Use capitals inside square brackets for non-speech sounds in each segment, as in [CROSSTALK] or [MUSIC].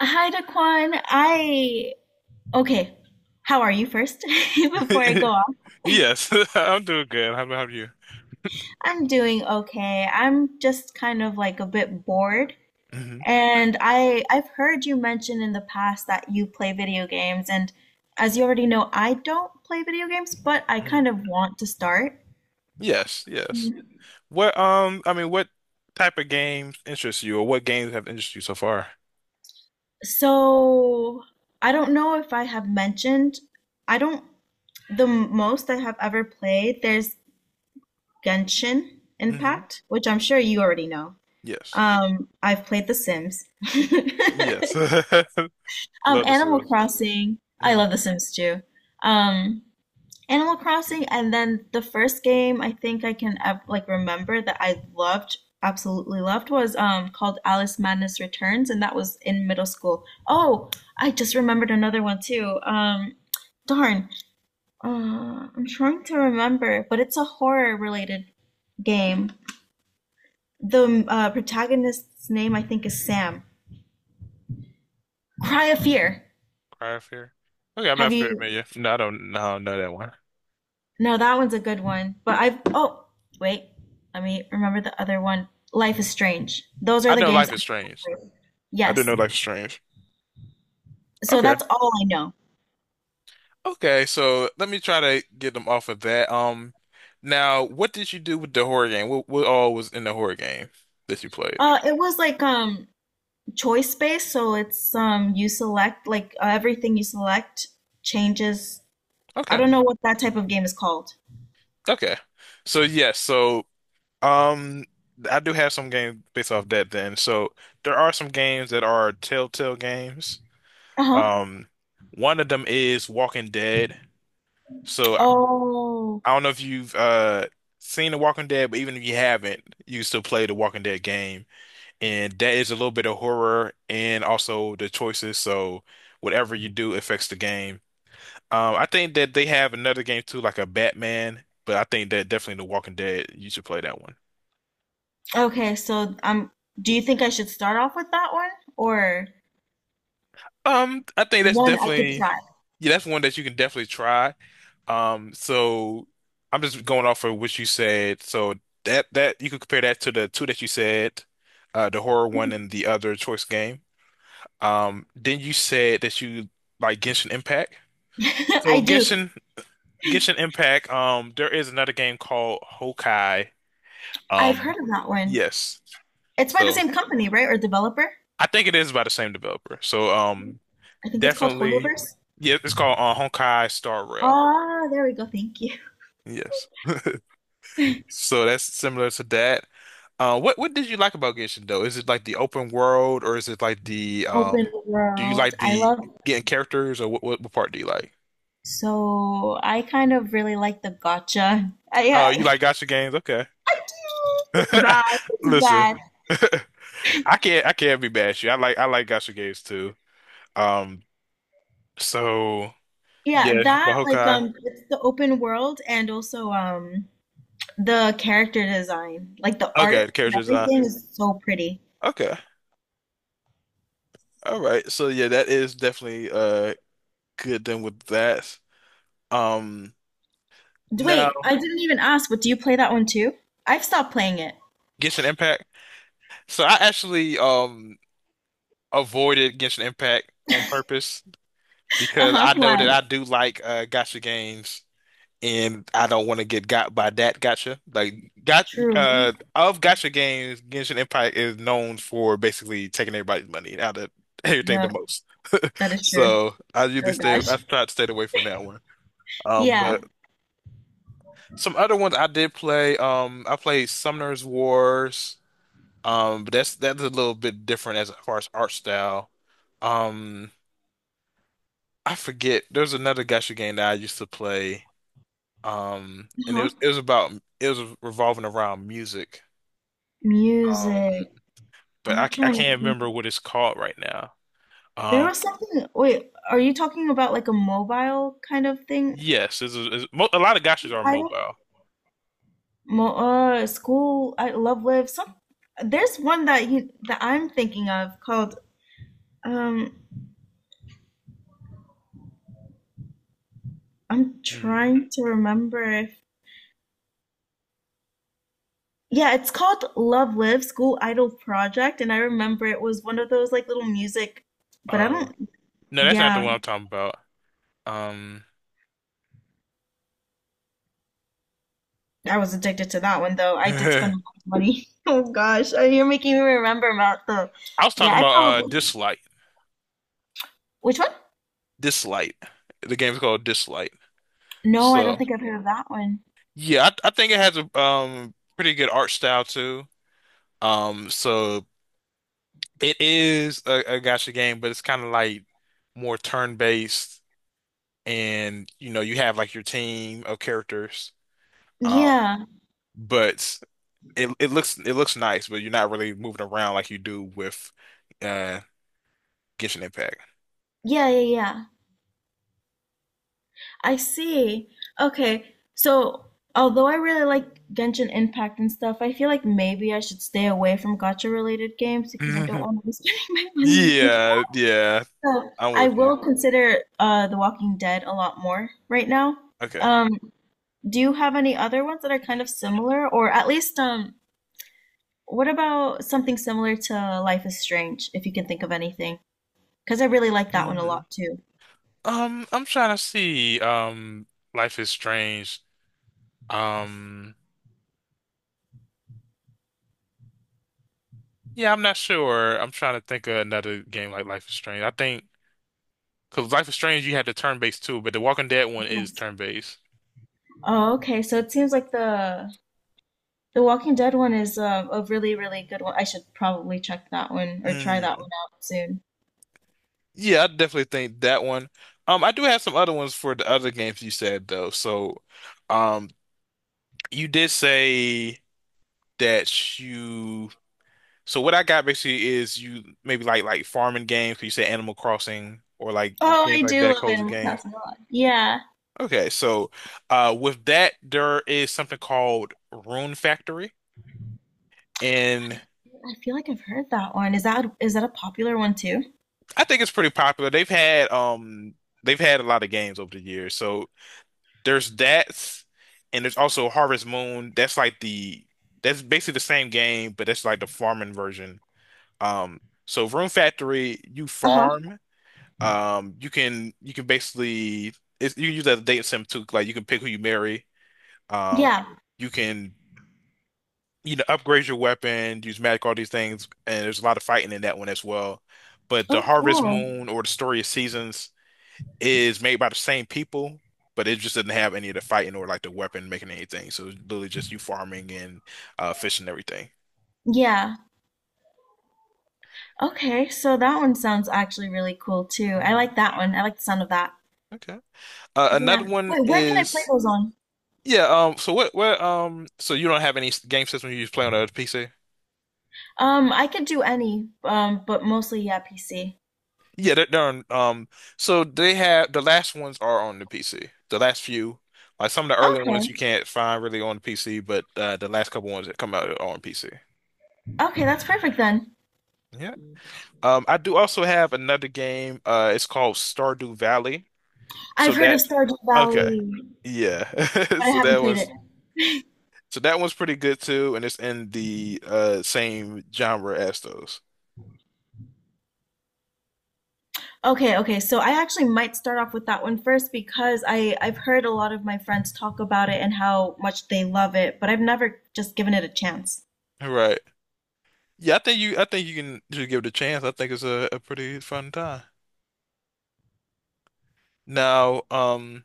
Hi, Daquan. I okay. How are you first? [LAUGHS] Before I go [LAUGHS] on, Yes, [LAUGHS] I'm doing good. How about you? I'm doing okay. I'm just kind of like a bit bored, Hmm and I've heard you mention in the past that you play video games, and as you already know, I don't play video games, but I kind of hmm. want to start. Yes, yes. What type of games interest you, or what games have interested you so far? So I don't know if I have mentioned. I don't. The most I have ever played, there's Genshin Hmm. Impact, which I'm sure you already know. Yes, I've played The Sims. [LAUGHS] yes. [LAUGHS] Love the Animal Sims. Crossing. I Mm. love The Sims too. Um, Animal Crossing, and then the first game I think I can like remember that I loved, absolutely loved, was called Alice Madness Returns, and that was in middle school. Oh, I just remembered another one too. Darn, I'm trying to remember, but it's a horror related game. The protagonist's name I think is Sam. Cry of Fear. Cry of Fear. Okay, I'm not Have you? familiar. No, I don't. No, I don't know that one. No, that one's a good one. But I've, oh, wait, let me remember the other one. Life is Strange. Those I are the know games Life I is Strange. have played. I do know Yes. Life is Strange. So Okay. that's all I know. Okay, so let me try to get them off of that. Now, what did you do with the horror game? What all was in the horror game that you played? It was like choice based, so it's you select like everything you select changes. I Okay. don't know what that type of game is called. Okay. So yes, so um I do have some games based off that then. So there are some games that are Telltale games. Uh-huh. Um, one of them is Walking Dead. So Oh, I don't know if you've seen The Walking Dead, but even if you haven't, you can still play the Walking Dead game. And that is a little bit of horror and also the choices. So whatever you do affects the game. I think that they have another game too, like a Batman, but I think that definitely The Walking Dead, you should play that one. okay. So do you think I should start off with that one or I think that's one I could definitely yeah, that's one that you can definitely try. So I'm just going off of what you said. So that you could compare that to the two that you said, the horror one and the other choice game. Then you said that you like Genshin Impact. try? [LAUGHS] So I do. Genshin Impact, there is another game called Hokai. I've Um, heard of that one. yes. It's by the So, same company, right? Or developer? I think it is by the same developer. So um, I think it's called definitely Hoyoverse. yeah, it's called Honkai Star Rail. Ah, there we go. Thank you. Yes. So that's similar to that. What did you like about Genshin though? Is it like the open world or is it like the [LAUGHS] Open do you world. like I the love it. getting characters or what part do you like? So I kind of really like the gotcha. Oh, you like gacha games? Okay. [LAUGHS] I do. It's bad. [LAUGHS] It's Listen. bad. [LAUGHS] I I can't be bad at you. I like gacha games too. Um, so Yeah, yeah, but that like Honkai. It's the open world and also the character design. Like the Okay, the art, character design. everything is so pretty. Okay. All right. So yeah, that is definitely uh, good then with that. Um, now Wait, I didn't even ask, but do you play that one too? I've stopped playing it. Genshin Impact. So I actually avoided Genshin Impact on purpose because Uh-huh. I know Why? that I do like gacha games and I don't want to get got by that gacha. Like got True. uh, of gacha games, Genshin Impact is known for basically taking everybody's money out of [LAUGHS] everything the Yeah, most. that is true. So Oh gosh. I try to stay away from that one. Yeah. But some other ones I did play. I played Summoner's Wars. But that's a little bit different as far as art style. Um, I forget. There's another gacha game that I used to play. And it Uh-huh. was it was about it was revolving around music. Um, Music. but I, I'm I trying to can't think. remember what it's called right now. There Um, was something. Wait, are you talking about like a mobile kind of thing? yes, it's a, it's, mo- a lot of gachas are I don't. mobile. Mo school. I love live. Some. There's one that you that I'm thinking of called. Um, I'm Hmm. trying to remember if. Yeah, it's called Love Live School Idol Project, and I remember it was one of those like little music, but I Uh, don't. no, that's not the Yeah. one I'm talking about. Um, I was addicted to that one though. [LAUGHS] I did I spend a lot of money. [LAUGHS] Oh gosh, you're making me remember about the. was Yeah, talking I about probably. Dislike. Which one? Dislight. The game's called Dislight. No, I don't So think I've heard of that one. yeah, I think it has a um, pretty good art style too. So it is a gacha game, but it's kind of like more turn-based, and you know you have like your team of characters. Um, Yeah, but it looks it looks nice, but you're not really moving around like you do with uh Genshin Impact. yeah, yeah, yeah. I see. Okay, so although I really like Genshin Impact and stuff, I feel like maybe I should stay away from gacha related games because I don't [LAUGHS] want to be [LAUGHS] spending my money like that. Yeah, yeah, So I'm I with will you. consider The Walking Dead a lot more right now. Okay. Um, Do you have any other ones that are kind of similar, or at least what about something similar to Life is Strange, if you can think of anything? Because I really like that one a Mhm. lot too. I'm trying to see. Life is Strange. Um, yeah, I'm not sure. I'm trying to think of another game like Life is Strange. I think because Life is Strange, you had the turn-based too, but the Walking Dead one is Yes. turn-based. Oh, okay. So it seems like the Walking Dead one is a really, really good one. I should probably check that one or try that Mm. one out soon. Yeah, I definitely think that one. I do have some other ones for the other games you said though. So, um, you did say that you. So what I got basically is you maybe like farming games. Could you say Animal Crossing or like Oh, games I like do that, love cozy Animal games? Crossing a lot. Yeah. Okay, so with that, there is something called Rune Factory, and I feel like I've heard that one. Is that a popular one too? I think it's pretty popular. They've had a lot of games over the years. So there's that, and there's also Harvest Moon. That's like the that's basically the same game, but that's like the farming version. Um, so Rune Factory, you Uh-huh. farm. You can basically you can use that as a dating sim too. Like you can pick who you marry. Um, Yeah. you can you know, upgrade your weapon, use magic, all these things, and there's a lot of fighting in that one as well. But the Oh, Harvest cool. Moon or the Story of Seasons is made by the same people, but it just doesn't have any of the fighting or like the weapon making anything. So it's literally just you farming and fishing and everything. Yeah. Okay, so that one sounds actually really cool too. I Mm, like that one. I like the sound of that. okay. Yeah. Another one Wait, where can I play is those on? yeah. So what? What? So you don't have any game system you just play on the PC? I could do any, but mostly yeah, PC. Yeah, they're on, so they have the last ones are on the PC. The last few, like some of the early Okay. ones you can't find really on the PC, but the last couple ones that come out are on PC. Okay, that's perfect then. Yeah. I do also have another game. It's called Stardew Valley. I've So heard of that, Stardew okay. Valley, Yeah. [LAUGHS] but I So that haven't played it. one's, so that one's pretty good too, and it's in the uh, same genre as those. Okay, okay. So I actually might start off with that one first because I've heard a lot of my friends talk about it and how much they love it, but I've never just given it a chance. Right. Yeah, I think you can just give it a chance. I think it's a pretty fun time. Now,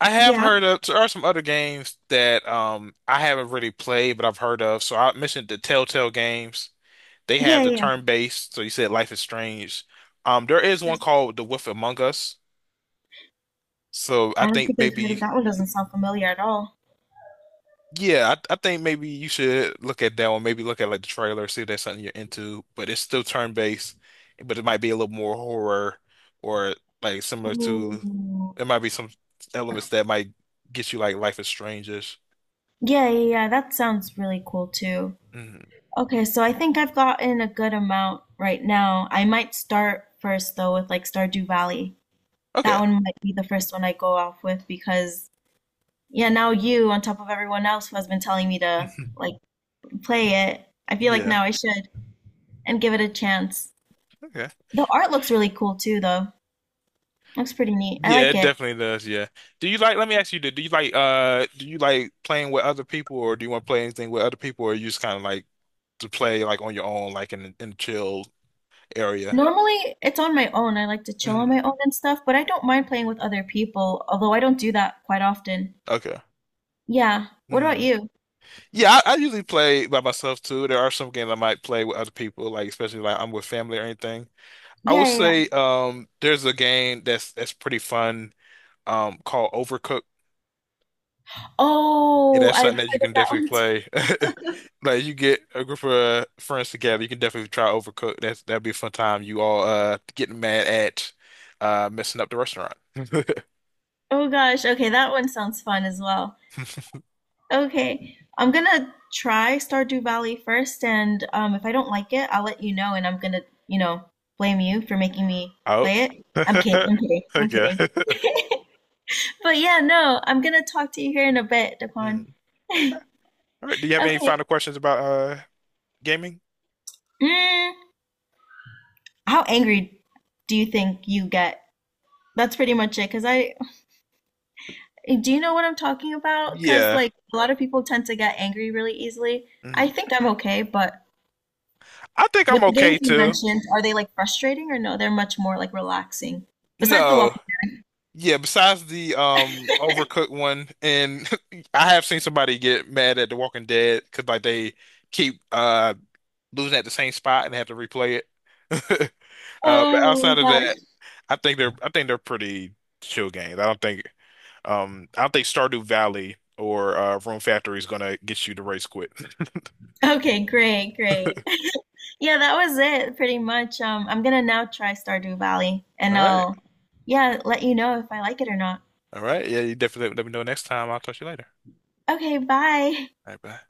I have Yeah. heard of, there are some other games that um, I haven't really played, but I've heard of. So I mentioned the Telltale games. They have Yeah, the yeah. turn-based, so you said Life is Strange. There is one called The Wolf Among Us. So I I don't think think I've heard of maybe, that one. Doesn't sound familiar at all. yeah, I think maybe you should look at that one. Maybe look at like the trailer, see if that's something you're into. But it's still turn-based, but it might be a little more horror or like similar to, there Mm. might be some elements that might get you like Life is Strange-ish. Yeah, yeah, yeah, that sounds really cool too. Mhm. Okay, so I think I've gotten a good amount right now. I might start first though with like Stardew Valley. That Okay. one might be the first one I go off with because yeah, now you on top of everyone else who has been telling me to [LAUGHS] like play it, I feel like Yeah. now I should and give it a chance. Okay. The art looks really cool too though. Looks pretty neat. I Yeah, like it it. definitely does. Yeah. Do you like, let me ask you, do you like playing with other people or do you want to play anything with other people or you just kind of like to play like on your own, like in a chill area? Normally, it's on my own. I like to chill on Mhm. my own and stuff, but I don't mind playing with other people, although I don't do that quite often. Okay. Yeah. What about Mhm. you? Yeah, I usually play by myself too. There are some games I might play with other people, like especially like I'm with family or anything. I would Yeah, yeah, yeah. say um, there's a game that's pretty fun um, called Overcooked. Yeah, Oh, that's I've something that you heard of can that [LAUGHS] definitely one too. play. [LAUGHS] Like you get a group of friends together, you can definitely try Overcooked. That'd be a fun time. You all uh, getting mad at messing up the restaurant. [LAUGHS] Oh gosh. Okay, that one sounds fun as well. Okay. I'm gonna try Stardew Valley first, and if I don't like it, I'll let you know, and I'm gonna, you know, blame you for making me Oh. play it. I'm kidding. [LAUGHS] I'm kidding. I'm Okay. kidding. [LAUGHS] But yeah, no, I'm gonna talk to you here in a bit, Hmm. Daquan. Okay. All right. Do you have any Okay. final questions about uh, gaming? Mm. How angry do you think you get? That's pretty much it. Cause I, do you know what I'm talking about? Cause Yeah. like a lot of people tend to get angry really easily. I Mhm. think I'm okay, but I think with I'm the okay games you too. mentioned, are they like frustrating or no? They're much more like relaxing. Besides the No. walking. Yeah, besides the um, Overcooked one and [LAUGHS] I have seen somebody get mad at The Walking Dead because like they keep losing at the same spot and have to replay it. [LAUGHS] But Oh outside of gosh. that, I think they're pretty chill games. I don't think Stardew Valley or Room Factory is gonna get you to race quit. [LAUGHS] Okay, great, great. [LAUGHS] Yeah, that was it pretty much. I'm gonna now try Stardew Valley All and right, I'll, yeah, let you know if I like it or not. Yeah, you definitely let me know next time. I'll talk to you later. Okay, bye. [LAUGHS] All right, bye.